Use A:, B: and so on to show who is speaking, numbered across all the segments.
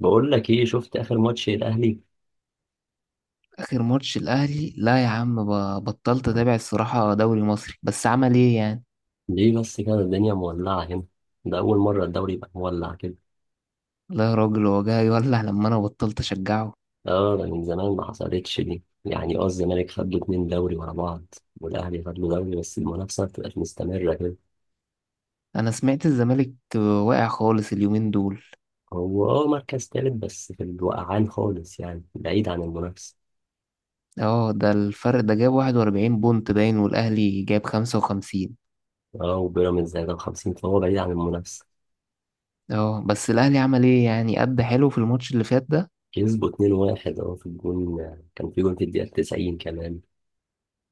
A: بقول لك ايه، شفت اخر ماتش الاهلي؟
B: اخر ماتش الاهلي، لا يا عم، بطلت اتابع الصراحه دوري مصري، بس عمل ايه يعني.
A: ليه بس كده الدنيا مولعه هنا؟ ده اول مره الدوري يبقى مولع كده.
B: لا يا راجل، هو جاي يولع لما انا بطلت اشجعه.
A: اه ده من زمان ما حصلتش دي، يعني اه الزمالك خد له اتنين دوري ورا بعض، والاهلي خد له دوري بس المنافسه ما بتبقاش مستمره كده.
B: انا سمعت الزمالك واقع خالص اليومين دول.
A: هو اه مركز تالت بس في الوقعان خالص، يعني بعيد عن المنافسه.
B: اه، ده الفرق ده جاب 41 بونت باين، والاهلي جاب 55.
A: اه وبيراميدز زي ده 50، فهو بعيد عن المنافسه.
B: اه بس الاهلي عمل ايه يعني، قد حلو في الماتش اللي فات ده؟
A: كسبوا 2-1، اه في الجون. كان في جون في الدقيقه 90 كمان.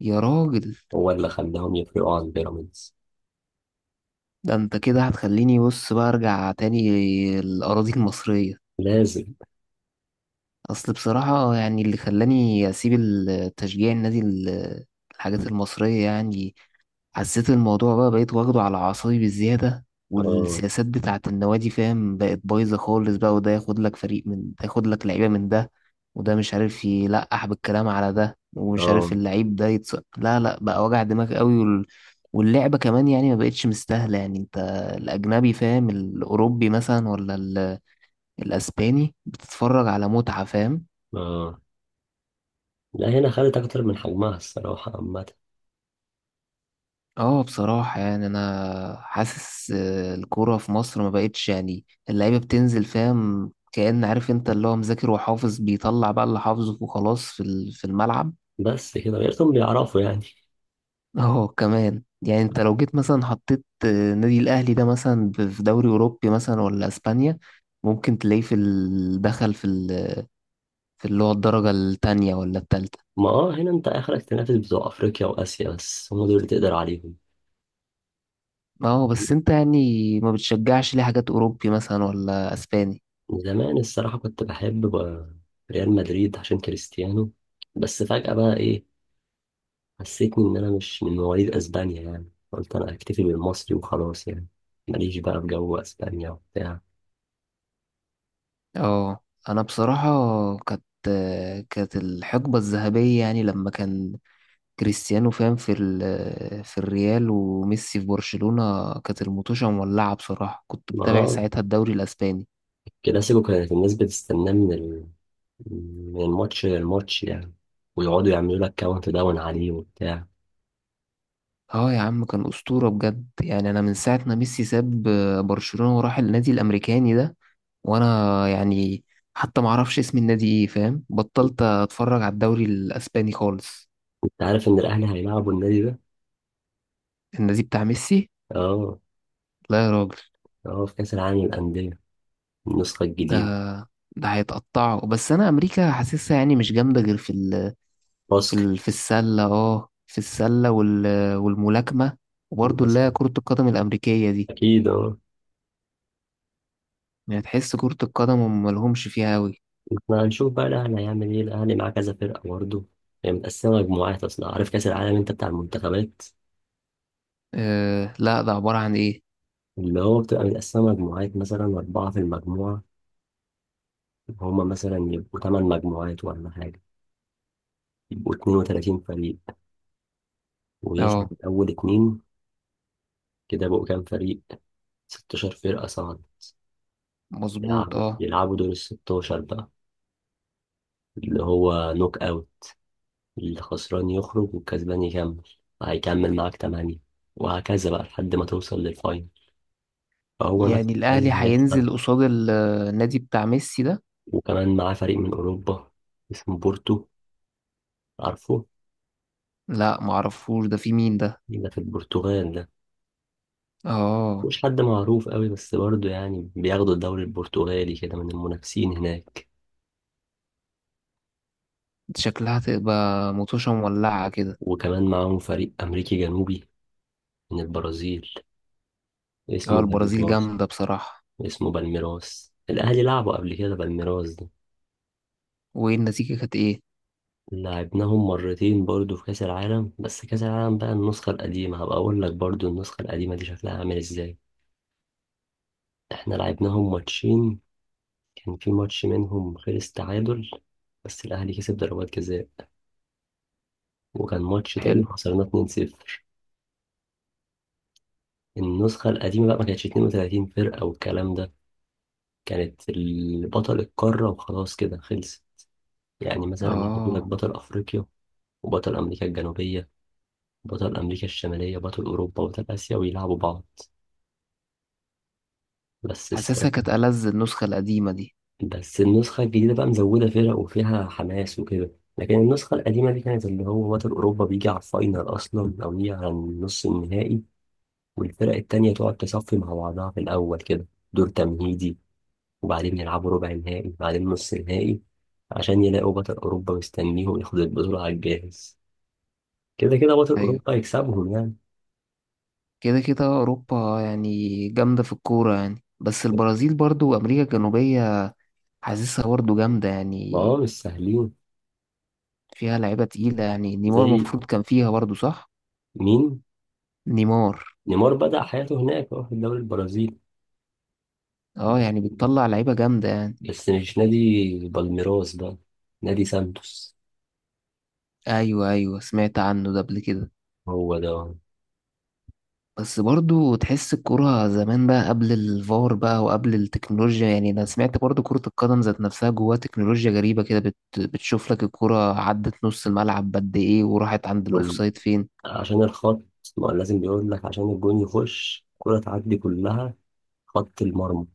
B: يا راجل،
A: هو اللي خلاهم يفرقوا عن بيراميدز.
B: ده انت كده هتخليني بص بقى ارجع تاني الاراضي المصريه.
A: لازم.
B: اصل بصراحة يعني اللي خلاني اسيب التشجيع النادي الحاجات المصرية يعني، حسيت الموضوع بقى، بقيت واخده على اعصابي بالزيادة،
A: اه.
B: والسياسات بتاعة النوادي فاهم بقت بايظة خالص بقى، وده ياخد لك فريق من ده، ياخد لك لعيبة من ده، وده مش عارف يلقح بالكلام على ده، ومش عارف
A: اه.
B: اللعيب ده لا لا بقى، وجع دماغ قوي، واللعبة كمان يعني ما بقتش مستاهلة. يعني انت الأجنبي فاهم، الأوروبي مثلا، ولا الأسباني، بتتفرج على متعة فاهم.
A: آه. لا، هنا خدت أكتر من حجمها الصراحة عامة.
B: اه بصراحة يعني أنا حاسس، الكورة في مصر ما بقتش يعني، اللعيبة بتنزل فاهم كأن، عارف أنت اللي هو مذاكر وحافظ، بيطلع بقى اللي حافظه وخلاص في في الملعب.
A: بس كده غيرتهم بيعرفوا يعني.
B: اه كمان يعني، أنت لو جيت مثلا حطيت نادي الأهلي ده مثلا في دوري أوروبي مثلا ولا أسبانيا، ممكن تلاقيه في دخل في في اللي هو الدرجة التانية ولا التالتة.
A: ما اه هنا انت اخرك تنافس بتوع افريقيا واسيا، بس هم دول اللي تقدر عليهم.
B: اه بس أنت يعني ما بتشجعش ليه حاجات أوروبي مثلا ولا أسباني؟
A: زمان الصراحة كنت بحب ريال مدريد عشان كريستيانو. بس فجأة بقى ايه، حسيتني ان انا مش من مواليد اسبانيا، يعني قلت انا اكتفي بالمصري وخلاص يعني. ماليش بقى في جو اسبانيا وبتاع.
B: اه انا بصراحة كانت كانت الحقبة الذهبية يعني، لما كان كريستيانو فاهم في الريال، وميسي في برشلونة، كانت المطوشة مولعة. بصراحة كنت
A: ما
B: بتابع
A: اه
B: ساعتها الدوري الاسباني.
A: كلاسيكو كانت الناس بتستناه من الماتش للماتش يعني. ويقعدوا يعملوا لك كاونت داون عليه وبتاع.
B: اه يا عم، كان اسطورة بجد يعني. انا من ساعة ما ميسي ساب برشلونة وراح النادي الامريكاني ده، وانا يعني حتى معرفش اسم النادي ايه فاهم، بطلت اتفرج على الدوري الاسباني خالص.
A: كنت عارف ان الاهلي هيلعبوا النادي ده.
B: النادي بتاع ميسي،
A: اه.
B: لا يا راجل.
A: اه في كاس العالم للانديه، النسخه الجديده.
B: ده ده هيتقطعوا، بس انا امريكا حاسسها يعني مش جامده غير
A: باسكت.
B: في السله، اه في السله، والملاكمه، وبرضه اللي
A: بس
B: هي كره القدم الامريكيه دي.
A: اكيد اه.
B: يعني تحس كره القدم هم ملهمش فيها قوي.
A: احنا هنشوف بقى الاهلي هيعمل ايه. الاهلي معاه كذا فرقه برضه. هي متقسمه مجموعات اصلا، عارف كاس العالم انت بتاع المنتخبات؟
B: أه لا، ده عباره عن ايه؟
A: اللي هو بتبقى متقسمه مجموعات، مثلا اربعه في المجموعه. هما مثلا يبقوا ثمان مجموعات ولا حاجه. يبقوا 32 فريق، ويصعد
B: اه
A: اول اتنين. كده بقوا كام فريق؟ 16 فرقة صعدت.
B: مظبوط.
A: يلعبوا
B: اه
A: يلعبوا دور ال 16 بقى، اللي هو نوك أوت. الخسران يخرج والكسبان يكمل. هيكمل معاك 8، وهكذا بقى لحد ما توصل للفاينل. فهو نفس
B: يعني الاهلي
A: الكلام هيحصل.
B: هينزل قصاد النادي بتاع ميسي ده؟
A: وكمان معاه فريق من أوروبا، اسمه بورتو. عارفه؟
B: لا معرفوش ده، في مين ده؟
A: ده في البرتغال ده.
B: اه.
A: مش حد معروف قوي، بس برضه يعني بياخدوا الدوري البرتغالي كده من المنافسين هناك.
B: شكلها تبقى مطوشه مولعه كده.
A: وكمان معاهم فريق أمريكي جنوبي من البرازيل،
B: اه
A: اسمه
B: البرازيل
A: بالميراس.
B: جامده بصراحه.
A: اسمه بالميراس، الأهلي لعبوا قبل كده بالميراس ده.
B: وايه النتيجه، كانت ايه؟
A: لعبناهم مرتين برضو في كأس العالم، بس كأس العالم بقى النسخة القديمة، هبقى أقول لك برضو النسخة القديمة دي شكلها عامل إزاي. إحنا لعبناهم ماتشين. كان في ماتش منهم خلص تعادل، بس الأهلي كسب ضربات جزاء. وكان ماتش تاني
B: حلو.
A: خسرنا 2-0. النسخة القديمة بقى ما كانتش 32 فرقة والكلام ده. كانت بطل القارة وخلاص كده خلصت. يعني مثلا يجيبوا لك
B: اه
A: بطل أفريقيا، وبطل أمريكا الجنوبية، بطل أمريكا الشمالية، بطل أوروبا، بطل آسيا، ويلعبوا بعض. بس
B: حاسسها
A: الصراحة،
B: كانت ألذ النسخة القديمة دي.
A: بس النسخة الجديدة بقى مزودة فرق وفيها حماس وكده. لكن النسخة القديمة دي كانت اللي هو بطل أوروبا بيجي على الفاينل أصلا، أو يجي على النص النهائي. والفرق التانية تقعد تصفي مع بعضها في الأول كده، دور تمهيدي. وبعدين يلعبوا ربع نهائي، بعدين نص نهائي، عشان يلاقوا بطل أوروبا مستنيهم ياخد البطولة على الجاهز. كده كده بطل
B: أيوة،
A: أوروبا يكسبهم يعني.
B: كده كده أوروبا يعني جامدة في الكورة، يعني بس البرازيل برضو وأمريكا الجنوبية حاسسها برضو جامدة
A: ما هو
B: يعني.
A: مش سهلين.
B: فيها لعيبة تقيلة يعني، نيمار
A: زي
B: المفروض كان فيها برضو، صح؟
A: مين؟
B: نيمار.
A: نيمار بدأ حياته هناك، اه في الدوري البرازيلي.
B: اه يعني بتطلع لعيبة جامدة يعني.
A: بس مش نادي بالميراس ده، نادي سانتوس.
B: أيوة أيوة، سمعت عنه ده قبل كده.
A: هو ده.
B: بس برضو تحس الكرة زمان بقى، قبل الفار بقى وقبل التكنولوجيا. يعني أنا سمعت برضو كرة القدم ذات نفسها جواها تكنولوجيا غريبة كده، بتشوف لك الكرة عدت نص الملعب قد إيه، وراحت عند
A: وال-
B: الأوفسايد فين.
A: عشان الخط. ما هو لازم بيقول لك عشان الجون يخش الكرة تعدي كلها، خط المرمى،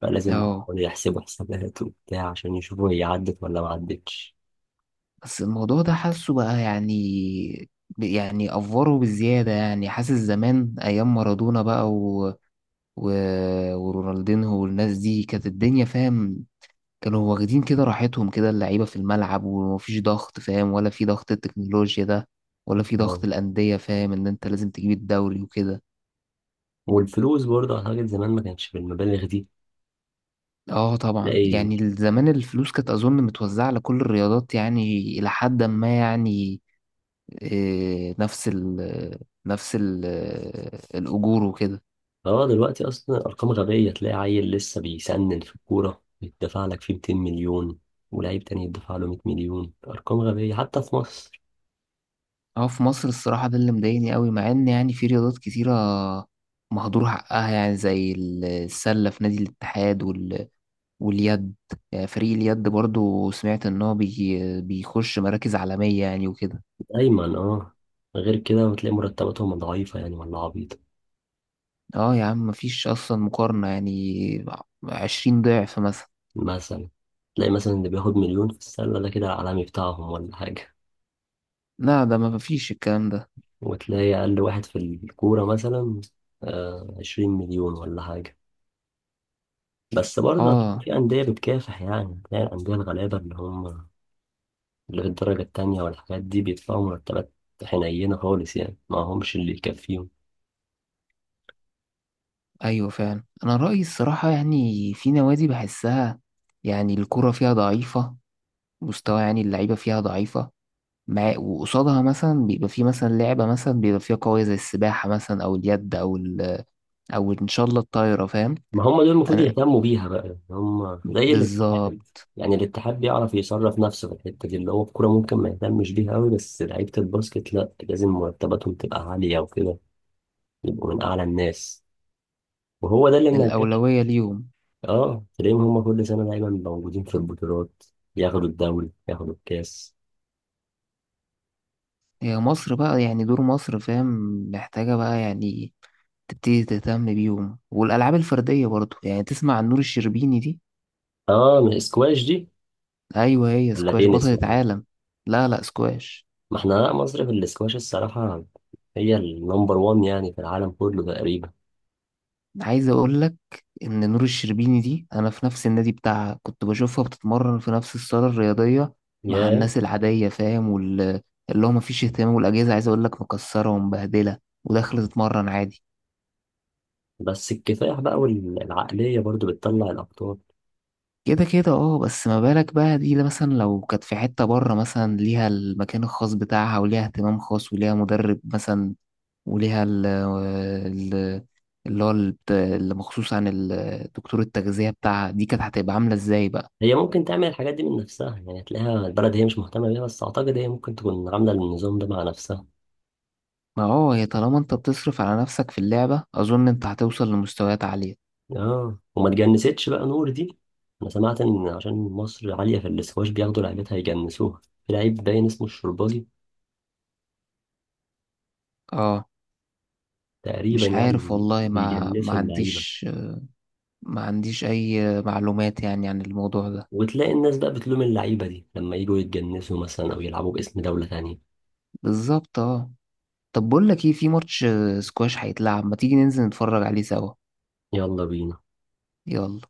A: فلازم
B: اه
A: يحسبوا حسابات وبتاع عشان يشوفوا هي عدت ولا ما عدتش.
B: بس الموضوع ده حاسه بقى يعني يعني أفوره بزيادة. يعني حاسس زمان أيام مارادونا بقى و... ورونالدينهو والناس دي، كانت الدنيا فاهم، كانوا واخدين كده راحتهم كده اللعيبة في الملعب، ومفيش ضغط فاهم، ولا في ضغط التكنولوجيا ده، ولا في ضغط
A: اه.
B: الأندية فاهم، إن أنت لازم تجيب الدوري وكده.
A: والفلوس برضه أعتقد زمان ما كانش بالمبالغ دي.
B: اه طبعا
A: تلاقي
B: يعني، زمان الفلوس كانت أظن متوزعة على كل الرياضات يعني، إلى حد ما يعني، إيه، نفس ال الأجور وكده.
A: اه دلوقتي اصلا ارقام غبيه، تلاقي عيل لسه بيسنن في الكوره يدفع لك فيه 200 مليون، ولاعيب تاني يدفع له 100 مليون، ارقام غبيه حتى في مصر.
B: اه في مصر الصراحة ده اللي مضايقني قوي، مع إن يعني في رياضات كتيرة مهدور حقها يعني، زي السلة في نادي الاتحاد، واليد، فريق اليد برضو سمعت ان هو بي بيخش مراكز عالمية يعني وكده.
A: دايما اه غير كده بتلاقي مرتباتهم ضعيفه يعني ولا عبيطه.
B: اه يا عم مفيش اصلا مقارنة يعني، 20 ضعف مثلا.
A: مثلا تلاقي مثلا اللي بياخد مليون في السله ده كده العالمي بتاعهم ولا حاجه.
B: لا ده ما فيش الكلام ده.
A: وتلاقي اقل واحد في الكوره مثلا آه 20 مليون ولا حاجه. بس برضه
B: اه.
A: في انديه بتكافح، يعني تلاقي الانديه الغلابه اللي هم اللي في الدرجة التانية والحاجات دي، بيدفعوا مرتبات حنينة خالص، يعني ما همش اللي يكفيهم.
B: ايوه فعلا، انا رأيي الصراحة يعني في نوادي بحسها يعني الكرة فيها ضعيفة مستوى، يعني اللعيبة فيها ضعيفة، مع وقصادها مثلا بيبقى في مثلا لعبة مثلا بيبقى فيها قوية، زي السباحة مثلا، أو اليد، أو إن شاء الله الطايرة فاهم.
A: ما هم دول المفروض
B: أنا
A: يهتموا بيها بقى، يعني هم زي الاتحاد.
B: بالظبط،
A: يعني الاتحاد بيعرف يصرف نفسه في الحتة دي، اللي هو الكورة ممكن ما يهتمش بيها قوي، بس لعيبة الباسكت لا، لازم مرتباتهم تبقى عالية وكده، يبقوا من أعلى الناس. وهو ده اللي منجح.
B: الأولوية ليهم.
A: اه تلاقيهم هم كل سنة دايما موجودين في البطولات، ياخدوا الدوري ياخدوا الكاس.
B: هي مصر بقى يعني دور مصر فاهم، محتاجة بقى يعني تبتدي تهتم بيهم، والألعاب الفردية برضو يعني. تسمع عن نور الشربيني دي؟
A: اه من الاسكواش دي.
B: أيوة هي
A: ولا
B: سكواش
A: تنس،
B: بطلة
A: ولا؟
B: عالم. لا لا سكواش.
A: ما احنا لا، مصر في الاسكواش الصراحة هي النمبر وان، يعني في العالم كله تقريبا.
B: عايز أقولك إن نور الشربيني دي، أنا في نفس النادي بتاعها، كنت بشوفها بتتمرن في نفس الصالة الرياضية مع
A: يا.
B: الناس العادية فاهم، واللي هو مفيش اهتمام، والأجهزة عايز أقولك مكسرة ومبهدلة، وداخلة تتمرن عادي.
A: بس الكفاح بقى والعقلية برضو بتطلع الأبطال.
B: كده كده اه، بس ما بالك بقى دي، لا مثلا لو كانت في حتة بره مثلا، ليها المكان الخاص بتاعها، وليها اهتمام خاص، وليها مدرب مثلا، وليها اللي مخصوص عن دكتور التغذية بتاعها، دي كانت هتبقى عاملة ازاي بقى؟
A: هي ممكن تعمل الحاجات دي من نفسها، يعني تلاقيها البلد هي مش مهتمة بيها، بس أعتقد هي ممكن تكون عاملة النظام ده مع نفسها.
B: ما اه، هي طالما انت بتصرف على نفسك في اللعبة، اظن انت هتوصل لمستويات عالية.
A: اه وما تجنستش بقى نور دي. أنا سمعت إن عشان مصر عالية في الاسكواش بياخدوا لعيبتها يجنسوها. في لعيب باين اسمه الشربالي،
B: اه
A: تقريبا
B: مش
A: يعني
B: عارف والله، ما
A: بيجنسوا اللعيبة.
B: عنديش، ما عنديش اي معلومات يعني عن الموضوع ده.
A: وتلاقي الناس بقى بتلوم اللعيبة دي لما يجوا يتجنسوا مثلا أو يلعبوا باسم دولة تانية.
B: بالظبط اه. طب بقول لك ايه، في ماتش سكواش هيتلعب، ما تيجي ننزل نتفرج عليه سوا؟
A: يلا بينا.
B: يلا.